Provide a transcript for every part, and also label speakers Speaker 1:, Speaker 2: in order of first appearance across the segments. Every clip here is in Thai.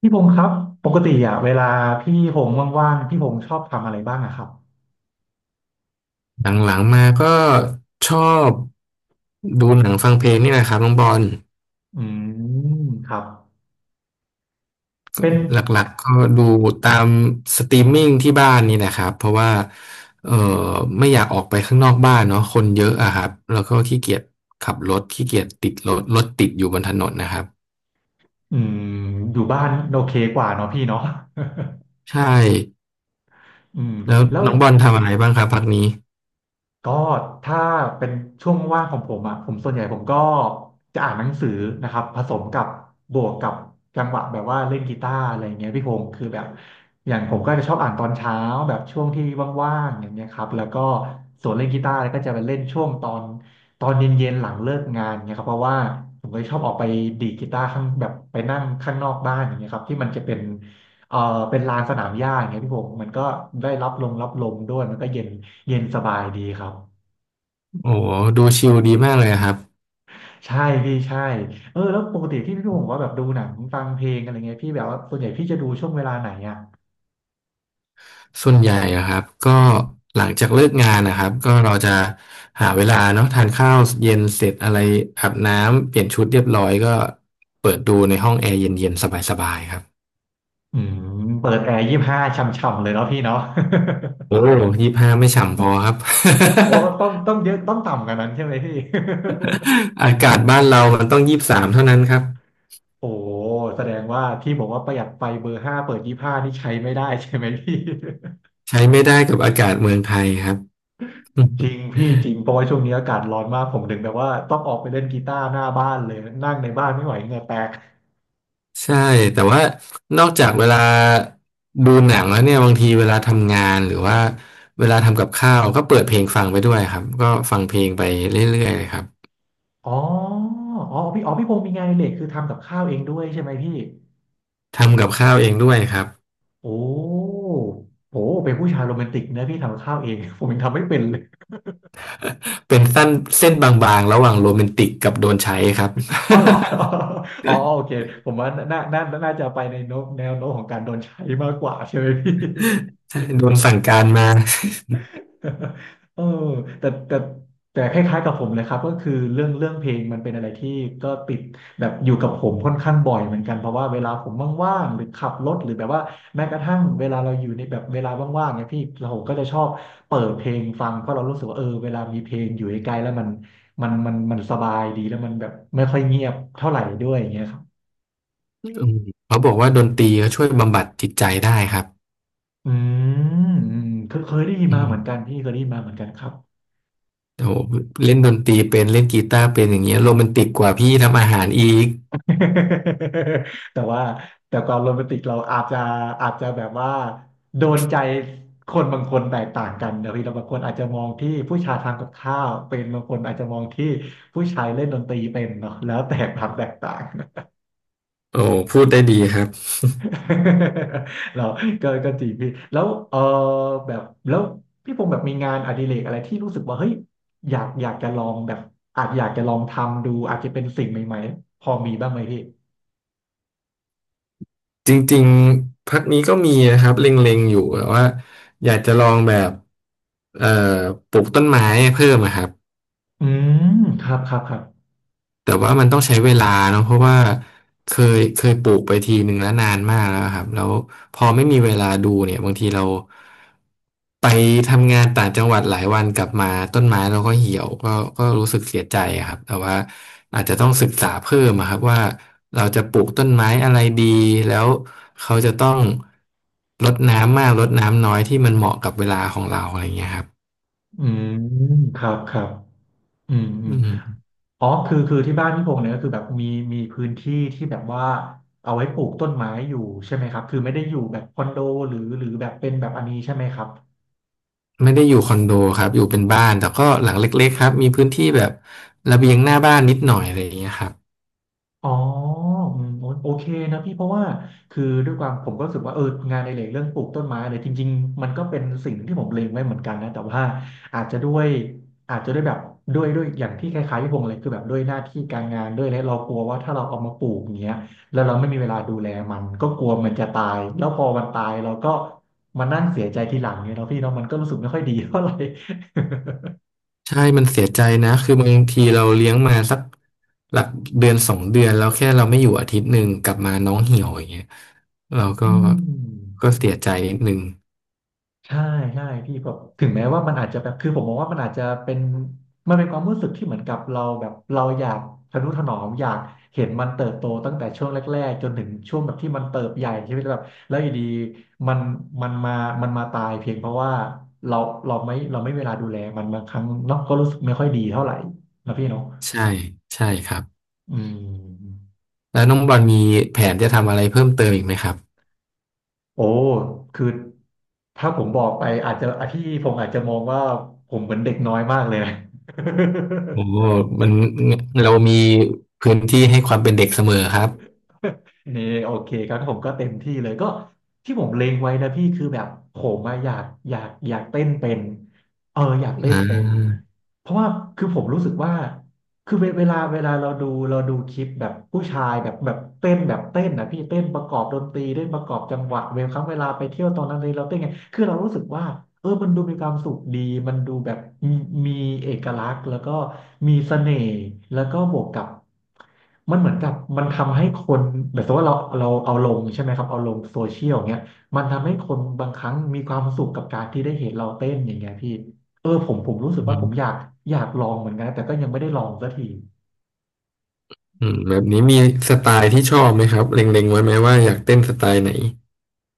Speaker 1: พี่พงษ์ครับปกติอ่ะเวลาพี่พงษ์ว่างๆพี่พงษ์ชอบทำอะไรบ้างอะครับ
Speaker 2: หลังๆมาก็ชอบดูหนังฟังเพลงนี่แหละครับน้องบอล
Speaker 1: อืมครับเป็น
Speaker 2: หลักๆก็ดูตามสตรีมมิ่งที่บ้านนี่นะครับเพราะว่าเออไม่อยากออกไปข้างนอกบ้านเนาะคนเยอะอะครับแล้วก็ขี้เกียจขับรถขี้เกียจติดรถติดอยู่บนถนนนะครับ
Speaker 1: อืมอยู่บ้านโอเคกว่าเนาะพี่เนาะ
Speaker 2: ใช่
Speaker 1: อืม
Speaker 2: แล้ว
Speaker 1: แล้ว
Speaker 2: น้องบอลทำอะไรบ้างครับพักนี้
Speaker 1: ก็ถ้าเป็นช่วงว่างของผมอ่ะผมส่วนใหญ่ผมก็จะอ่านหนังสือนะครับผสมกับบวกกับจังหวะแบบว่าเล่นกีตาร์อะไรเงี้ยพี่พงศ์คือแบบอย่างผมก็จะชอบอ่านตอนเช้าแบบช่วงที่ว่างๆอย่างเงี้ยครับแล้วก็ส่วนเล่นกีตาร์ก็จะไปเล่นช่วงตอนเย็นๆหลังเลิกงานเงี้ยครับเพราะว่าผมก็ชอบออกไปดีดกีตาร์ข้างแบบไปนั่งข้างนอกบ้านอย่างเงี้ยครับที่มันจะเป็นเอ่อเป็นลานสนามหญ้าอย่างเงี้ยพี่พงศ์มันก็ได้รับลมรับลมด้วยมันก็เย็นเย็นสบายดีครับ
Speaker 2: โอ้โหดูชิลดีมากเลยอะครับ
Speaker 1: ใช่พี่ใช่เออแล้วปกติที่พี่พงศ์บอกว่าแบบดูหนังฟังเพลงอะไรเงี้ยพี่แบบว่าส่วนใหญ่พี่จะดูช่วงเวลาไหนอ่ะ
Speaker 2: ส่วนใหญ่อะครับก็หลังจากเลิกงานนะครับก็เราจะหาเวลาเนาะทานข้าวเย็นเสร็จอะไรอาบน้ำเปลี่ยนชุดเรียบร้อยก็เปิดดูในห้องแอร์เย็นๆสบายๆครับ
Speaker 1: อืมเปิดแอร์ยี่สิบห้าช่ำๆเลยเนาะพี่เนาะ
Speaker 2: โอ้ยี่สิบห้าไม่ฉ่ำพอครับ
Speaker 1: โอ้ต้องเยอะต้องต่ำกว่านั้นใช่ไหมพี่
Speaker 2: อากาศบ้านเรามันต้องยี่สิบสามเท่านั้นครับ
Speaker 1: โอ้แสดงว่าที่บอกว่าประหยัดไฟเบอร์ห้าเปิดยี่สิบห้านี่ใช้ไม่ได้ใช่ไหมพี่
Speaker 2: ใช้ไม่ได้กับอากาศเมืองไทยครับ
Speaker 1: จริงพี่จริงเพราะว่าช่วงนี้อากาศร้อนมากผมถึงแบบว่าต้องออกไปเล่นกีตาร์หน้าบ้านเลยนั่งในบ้านไม่ไหวเหงื่อแตก
Speaker 2: ใช่แต่ว่านอกจากเวลาดูหนังแล้วเนี่ยบางทีเวลาทำงานหรือว่าเวลาทำกับข้าวก็เปิดเพลงฟังไปด้วยครับก็ฟังเพลงไปเรื่อยๆเลยครับ
Speaker 1: อ๋ออ๋อพี่อ๋อพี่พงศ์มีงานอดิเรกคือทำกับข้าวเองด้วยใช่ไหมพี่
Speaker 2: ทำกับข้าวเองด้วยครับ
Speaker 1: โอ้โหเป็นผู้ชายโรแมนติกนะพี่ทำข้าวเอง ผมยังทำไม่เป็นเลย
Speaker 2: เป็นสั้นเส้นบางๆระหว่างโรแมนติกกับโดนใช้ครับ
Speaker 1: อ๋อเหรอ อ๋อโอเคผมว่าน่าจะไปในโน้มแนวโน้มของการโดนใช้มากกว่าใช่ไหมพี่
Speaker 2: โดนสั่งการมา
Speaker 1: เออแต่แต่แต่คล้ายๆกับผมเลยครับก็คือเรื่องเพลงมันเป็นอะไรที่ก็ติดแบบอยู่กับผมค่อนข้างบ่อยเหมือนกันเพราะว่าเวลาผมว่างๆหรือขับรถหรือแบบว่าแม้กระทั่งเวลาเราอยู่ในแบบเวลาว่างๆเนี่ยพี่เราก็จะชอบเปิดเพลงฟังเพราะเรารู้สึกว่าเออเวลามีเพลงอยู่ใกล้ๆแล้วมันสบายดีแล้วมันแบบไม่ค่อยเงียบเท่าไหร่ด้วยอย่างเงี้ยครับ
Speaker 2: อืมเขาบอกว่าดนตรีเขาช่วยบำบัดจิตใจได้ครับ
Speaker 1: อืมอืมเคยได้ยิน
Speaker 2: อื
Speaker 1: มาเห
Speaker 2: ม
Speaker 1: มือนกันพี่เคยได้ยินมาเหมือนกันครับ
Speaker 2: โอ้โหเล่นดนตรีเป็นเล่นกีตาร์เป็นอย่างเงี้ยโรแมนติกกว่าพี่ทำอาหารอีก
Speaker 1: แต่ว่าแต่ความโรแมนติกเราอาจจะอาจจะแบบว่าโดนใจคนบางคนแตกต่างกันนะพี่แล้บางคนอาจจะมองที่ผู้ชายทำกับข้าวเป็นบางคนอาจจะมองที่ผู้ชายเล่นดนตรีเป็นเนาะแล้วแต่ความแตกต่าง
Speaker 2: โอ้พูดได้ดีครับ
Speaker 1: เราก็ก็จริงพี่แล้วเออแบบแล้วพี่พงษ์แบบมีงานอดิเรกอะไรที่รู้สึกว่าเฮ้ยอยากอยากจะลองแบบอาจอยากจะลองทำดูอาจจะเป็นสิ่งใหม่ๆพอมีบ้างไหมพี่
Speaker 2: จริงๆ พักนี้ก็มีนะครับเล็งๆอยู่แต่ว่าอยากจะลองแบบเอ่อปลูกต้นไม้เพิ่มอะครับ
Speaker 1: อืมครับครับครับ
Speaker 2: แต่ว่ามันต้องใช้เวลาเนาะเพราะว่าเคเคยปลูกไปทีหนึ่งแล้วนานมากแล้วครับแล้วพอไม่มีเวลาดูเนี่ยบางทีเราไปทำงานต่างจังหวัดหลายวันกลับมาต้นไม้เราก็เหี่ยวก็รู้สึกเสียใจอะครับแต่ว่าอาจจะต้องศึกษาเพิ่มอะครับว่าเราจะปลูกต้นไม้อะไรดีแล้วเขาจะต้องรดน้ำมากรดน้ำน้อยที่มันเหมาะกับเวลาของเราอะไรเงี้ยครับ
Speaker 1: อืมครับครับอืมอื
Speaker 2: อื
Speaker 1: ม
Speaker 2: ม
Speaker 1: อ๋อคือที่บ้านพี่พงษ์เนี่ยก็คือแบบมีพื้นที่ที่แบบว่าเอาไว้ปลูกต้นไม้อยู่ใช่ไหมครับ คือไม่ได้อยู่แบบคอนโดหรือแบบเป็นแบบอันนี้ใช่ไหมครับ
Speaker 2: ไม่ได้อยู่คอนโดครับอยู่เป็นบ้านแต่ก็หลังเล็กๆครับมีพื้นที่แบบระเบียงหน้าบ้านนิดหน่อยอะไรอย่างเงี้ยครับ
Speaker 1: อ๋ออืมโอโอเคนะพี่เพราะว่าคือด้วยความผมก็รู้สึกว่าเอองานในเหล็กเรื่องปลูกต้นไม้เนี่ยจริงๆมันก็เป็นสิ่งที่ผมเล็งไว้เหมือนกันนะแต่ว่าอาจจะด้วยอาจจะด้วยแบบด้วยอย่างที่คล้ายๆพี่พงษ์เลยคือแบบด้วยหน้าที่การงานด้วยและเรากลัวว่าถ้าเราเอามาปลูกอย่างเงี้ยแล้วเราไม่มีเวลาดูแลมันก็กลัวมันจะตายแล้วพอมันตายเราก็มานั่งเสียใจทีหลังเนี่ยเนาะพี่เนาะมันก็รู้สึกไม่ค่อยดีเท่าไหร่
Speaker 2: ใช่มันเสียใจนะคือบางทีเราเลี้ยงมาสักหลักเดือนสองเดือนแล้วแค่เราไม่อยู่อาทิตย์หนึ่งกลับมาน้องเหี่ยวอย่างเงี้ยเราก็
Speaker 1: อืม
Speaker 2: เสียใจนิดนึง
Speaker 1: ใช่ใช่พี่แบบถึงแม้ว่ามันอาจจะแบบคือผมมองว่ามันอาจจะเป็นมันเป็นความรู้สึกที่เหมือนกับเราแบบเราอยากทะนุถนอมอยากเห็นมันเติบโตตั้งแต่ช่วงแรกๆจนถึงช่วงแบบที่มันเติบใหญ่ใช่ไหมแบบแล้วอยู่ดีมันมันมามันมาตายเพียงเพราะว่าเราเราไม่เวลาดูแลมันบางครั้งเนาะก็รู้สึกไม่ค่อยดีเท่าไหร่นะพี่เนาะ
Speaker 2: ใช่ใช่ครับ
Speaker 1: อืม
Speaker 2: แล้วน้องบอลมีแผนจะทำอะไรเพิ่มเติมอีกไหมครับ
Speaker 1: โอ้คือถ้าผมบอกไปอาจจะอ่ะพี่ผมอาจจะมองว่าผมเหมือนเด็กน้อยมากเลยนะ
Speaker 2: โอ้ มันเรามีพื้นที่ให้ความเป็นเด็กเสมอครับ
Speaker 1: นี่โอเคครับผมก็เต็มที่เลยก็ที่ผมเล็งไว้นะพี่คือแบบผมอะอยากเต้นเป็นอยากเต้น
Speaker 2: อ่า
Speaker 1: เป็นเพราะว่าคือผมรู้สึกว่า คือเวลาเวลาเราดูคลิปแบบผู้ชายแบบเต้นนะพี่เต้นประกอบดนตรีเต้นประกอบจังหวะเวลาไปเที่ยวตอนนั้นเลยเราเต้นไงคือเรารู้สึกว่าเออมันดูมีความสุขดีมันดูแบบมีมีเอกลักษณ์แล้วก็มีเสน่ห์แล้วก็บวกกับมันเหมือนกับมันทำให้คนแบบสมมติว่าเราเอาลงใช่ไหมครับเอาลงโซเชียลเงี้ยมันทำให้คนบางครั้งมีความสุขกับการที่ได้เห็นเราเต้นอย่างเงี้ยพี่ เออผมรู้สึกว่าผมอยากลองเหมือนกันแต่ก็ยังไม่ได้ลองสักที
Speaker 2: อืมแบบนี้มีสไตล์ที่ชอบไหมครับเล็งๆไว้ไหมว่าอยากเต้นสไตล์ไหน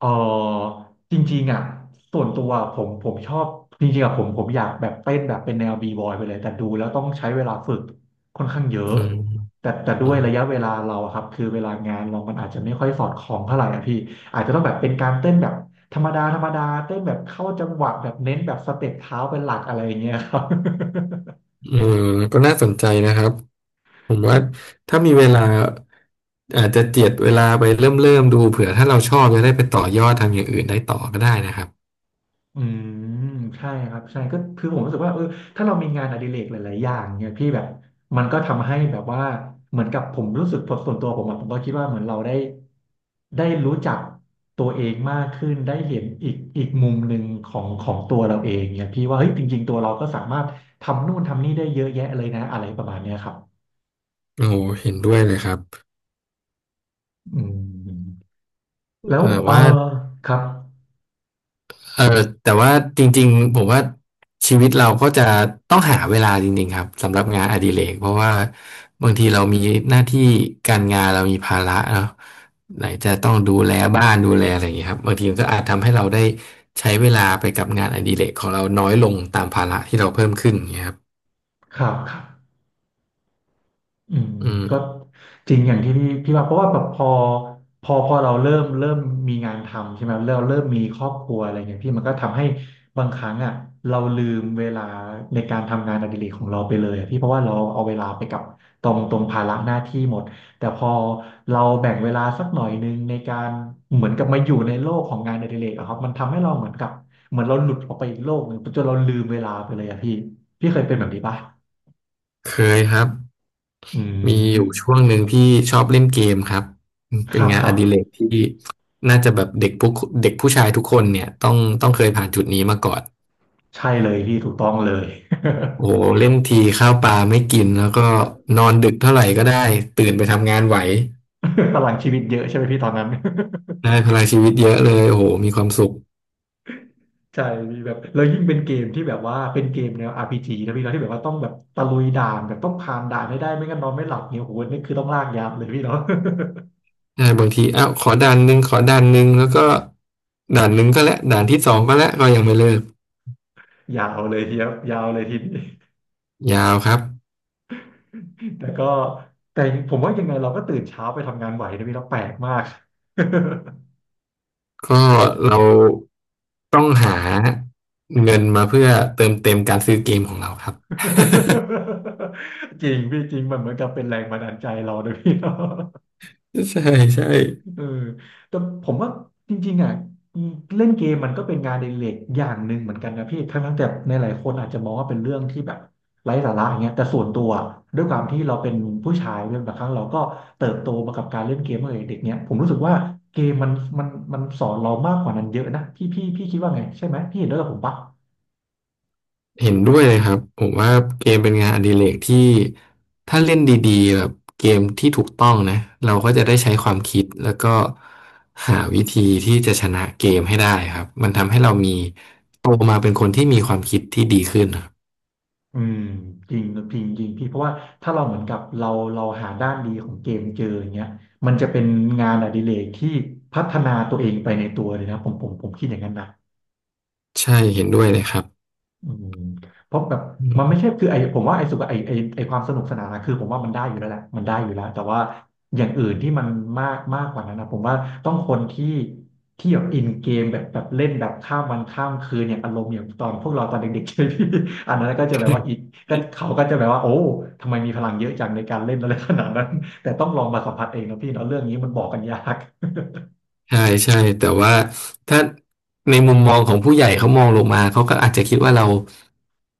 Speaker 1: เออจริงๆอ่ะส่วนตัวผมชอบจริงๆอ่ะผมอยากแบบเต้นแบบเป็นแนวบีบอยไปเลยแต่ดูแล้วต้องใช้เวลาฝึกค่อนข้างเย
Speaker 2: อื
Speaker 1: อะ
Speaker 2: ม
Speaker 1: แต่ด้
Speaker 2: อื
Speaker 1: วย
Speaker 2: ม
Speaker 1: ระยะเวลาเราอะครับคือเวลางานเรามันอาจจะไม่ค่อยสอดคล้องเท่าไหร่อ่ะพี่อาจจะต้องแบบเป็นการเต้นแบบธรรมดาธรรมดาเต้นแบบเข้าจังหวะแบบเน้นแบบสเต็ปเท้าเป็นหลักอะไรอย่างเงี้ยครับ
Speaker 2: เออก็น่าสนใจนะครับผมว่าถ้ามีเวลาอาจจะเจียดเวลาไปเริ่มดูเผื่อถ้าเราชอบจะได้ไปต่อยอดทำอย่างอื่นได้ต่อก็ได้นะครับ
Speaker 1: อืมใช่ครับใช่ก็คือผมรู้สึกว่าเออถ้าเรามีงานอดิเรกหลายๆอย่างเนี่ยพี่แบบมันก็ทำให้แบบว่าเหมือนกับผมรู้สึกผมส่วนตัวผมอะผมก็คิดว่าเหมือนเราได้ได้รู้จักตัวเองมากขึ้นได้เห็นอีกมุมหนึ่งของตัวเราเองเนี่ยพี่ว่าเฮ้ยจริงๆตัวเราก็สามารถทำนู่นทำนี่ได้เยอะแยะเลยนะอะไรประมาณเนี้ยครับ
Speaker 2: โอ้เห็นด้วยเลยครับ
Speaker 1: อืมแล้ว
Speaker 2: แต่
Speaker 1: เออ
Speaker 2: ว่า
Speaker 1: ครับ
Speaker 2: เออแต่ว่าจริงๆผมว่าชีวิตเราก็จะต้องหาเวลาจริงๆครับสำหรับงานอดิเรกเพราะว่าบางทีเรามีหน้าที่การงานเรามีภาระเนาะไหนจะต้องดูแลบ้านดูแลอะไรอย่างเงี้ยครับบางทีมันก็อาจทำให้เราได้ใช้เวลาไปกับงานอดิเรกของเราน้อยลงตามภาระที่เราเพิ่มขึ้นอย่างเงี้ยครับ
Speaker 1: ครับครับ อืม
Speaker 2: อืม
Speaker 1: ก็จริงอย่างที่พี่ว่าเพราะว่าแบบพอเราเริ่มมีงานทำใช่ไหมเริ่มมีครอบครัวอะไรเงี้ยพี่มันก็ทำให้บางครั้งอ่ะเราลืมเวลาในการทำงานอดิเรกของเราไปเลยอะพี่เพราะว่าเราเอาเวลาไปกับตรงภาระหน้าที่หมดแต่พอเราแบ่งเวลาสักหน่อยนึงในการเหมือนกับมาอยู่ในโลกของงานอดิเรกอะครับมันทำให้เราเหมือนกับเหมือนเราหลุดออกไปอีกโลกหนึ่งจนเราลืมเวลาไปเลยอะพี่พี่เคยเป็นแบบนี้ปะ
Speaker 2: เคยครับ
Speaker 1: อื
Speaker 2: มีอ
Speaker 1: ม
Speaker 2: ยู่ช่วงหนึ่งที่ชอบเล่นเกมครับ
Speaker 1: ค
Speaker 2: เป็น
Speaker 1: รับ
Speaker 2: งา
Speaker 1: ค
Speaker 2: นอ
Speaker 1: รับ
Speaker 2: ดิเรกที่น่าจะแบบเด็กผู้ชายทุกคนเนี่ยต้องเคยผ่านจุดนี้มาก่อน
Speaker 1: ใช่เลยพี่ถูกต้องเลย
Speaker 2: โอ้โหเล่นทีข้าวปลาไม่กินแล้วก็นอนดึกเท่าไหร่ก็ได้ตื่นไปทำงานไหว
Speaker 1: พลังชีวิตเยอะใช่ไหมพี่ตอนนั้น
Speaker 2: ได้พลังชีวิตเยอะเลยโอ้โหมีความสุข
Speaker 1: ใช่มีแบบแล้วยิ่งเป็นเกมที่แบบว่าเป็นเกมแนว RPG นะพี่เนาะที่แบบว่าต้องแบบตะลุยด่านแบบต้องผ่านด่านให้ได้ไม่งั้นนอนไม่หลับเนี่ยโอ้โหนี่คือต้องลากยาวเลยพี่เนาะ
Speaker 2: ได้บางทีอ้าวขอด่านหนึ่งแล้วก็ด่านหนึ่งก็แล้วด่านที่สองก็แล้วก็ยังไม่เลิก
Speaker 1: ยาวเลยทีเดียวยาวเลยทีนี้
Speaker 2: ยาวครับ
Speaker 1: แต่ก็แต่ผมว่ายังไงเราก็ตื่นเช้าไปทำงานไหวนะพี่เราะแปลกมาก
Speaker 2: ก็เราต้องหาเงินมาเพื่อเติมเต็มการซื้อเกมของเราครับ
Speaker 1: จริงพี่จริงมันเหมือนกับเป็นแรงบันดาลใจเรานะพี่เนาะ
Speaker 2: ใช่ใช่
Speaker 1: เออแต่ผมว่าจริงๆอ่ะเล่นเกมมันก็เป็นงานอดิเรกอย่างหนึ่งเหมือนกันนะพี่ทั้งๆแต่ในหลายคนอาจจะมองว่าเป็นเรื่องที่แบบไร้สาระอย่างเงี้ยแต่ส่วนตัวด้วยความที่เราเป็นผู้ชายเนี่ยบางครั้งเราก็เติบโตมากับการเล่นเกมตั้งแต่เด็กเนี่ยผมรู้สึกว่าเกมมันมันสอนเรามากกว่านั้นเยอะนะพี่พี่คิดว่าไงใช่ไหมพี่เห็นด้วยกับผมปะ
Speaker 2: เห็นด้วยเลยครับผมว่าเกมเป็นงานอดิเรกที่ถ้าเล่นดีๆแบบเกมที่ถูกต้องนะเราก็จะได้ใช้ความคิดแล้วก็หาวิธีที่จะชนะเกมให้ได้ครับมันทำให้เรามีโตมาเป็นคนที่มีความคิดที่ดีขึ้นครับ
Speaker 1: อืมจริงจริงจริงพี่เพราะว่าถ้าเราเหมือนกับเราหาด้านดีของเกมเจออย่างเงี้ยมันจะเป็นงานอดิเรกที่พัฒนาตัวเองไปในตัวเลยนะผมคิดอย่างนั้นนะ
Speaker 2: ใช่เห็นด้วยเลยครับ
Speaker 1: อืมเพราะแบบมันไม่ใช่คือไอผมว่าไอสุขไอความสนุกสนานนะคือผมว่ามันได้อยู่แล้วแหละมันได้อยู่แล้วแต่ว่าอย่างอื่นที่มันมากมากกว่านั้นนะผมว่าต้องคนที่ที่แบบอินเกมแบบเล่นแบบข้ามวันข้ามคืนอย่างอารมณ์อย่างตอนพวกเราตอนเด็กๆ ใช่ไหมพี่อันนั้นก็จะแบบว่าอีกก็เขาก็จะแบบว่าโอ้ทำไมมีพลังเยอะจังในการเล่นอะไรขนาดนั้นแต่ต้องลองมาสัมผัสเองนะพี่เนาะเรื่องนี้มันบอกกันยาก
Speaker 2: ใช่ใช่แต่ว่าถ้าในมุมมองของผู้ใหญ่เขามองลงมาเขาก็อาจจะคิดว่าเรา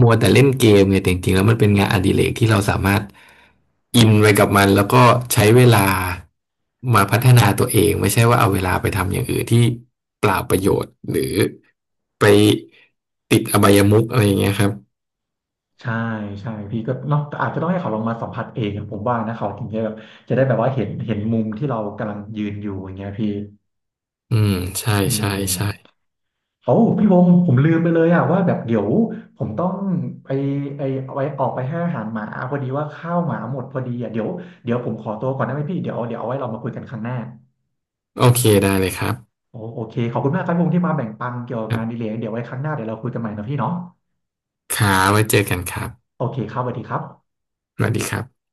Speaker 2: มัวแต่เล่นเกมไงี่ยแต่จริงๆแล้วมันเป็นงานอดิเรกที่เราสามารถอินไปกับมันแล้วก็ใช้เวลามาพัฒนาตัวเองไม่ใช่ว่าเอาเวลาไปทำอย่างอื่นที่เปล่าประโยชน์หรือไปติดอบายมุขอะไรอย่างเงี้ยครับ
Speaker 1: ใช่ใช่พี่ก็เนาะแต่อาจจะต้องให้เขาลองมาสัมผัสเองอะผมว่านะเขาถึงจะแบบจะได้แบบว่าเห็นมุมที่เรากำลังยืนอยู่อย่างเงี้ยพี่
Speaker 2: อืมใช่
Speaker 1: อื
Speaker 2: ใช่ใช่
Speaker 1: มโอ้พี่วงศ์ผมลืมไปเลยอะว่าแบบเดี๋ยวผมต้องไปไอไว้ออกไปให้อาหารหมาพอดีว่าข้าวหมาหมดพอดีอะเดี๋ยวผมขอตัวก่อนได้ไหมพี่เดี๋ยวเอาไว้เรามาคุยกันครั้งหน้า
Speaker 2: โอเคได้เลยครับ
Speaker 1: โอเคขอบคุณมากครับพี่วงศ์ที่มาแบ่งปันเกี่ยวกับ
Speaker 2: ครั
Speaker 1: งานอดี
Speaker 2: บ
Speaker 1: เลยเดี๋ยวไว้ครั้งหน้าเดี๋ยวเราคุยกันใหม่นะพี่เนาะ
Speaker 2: ขาไว้เจอกันครับ
Speaker 1: โอเคครับสวัสดีครับ
Speaker 2: สวัสดีครับ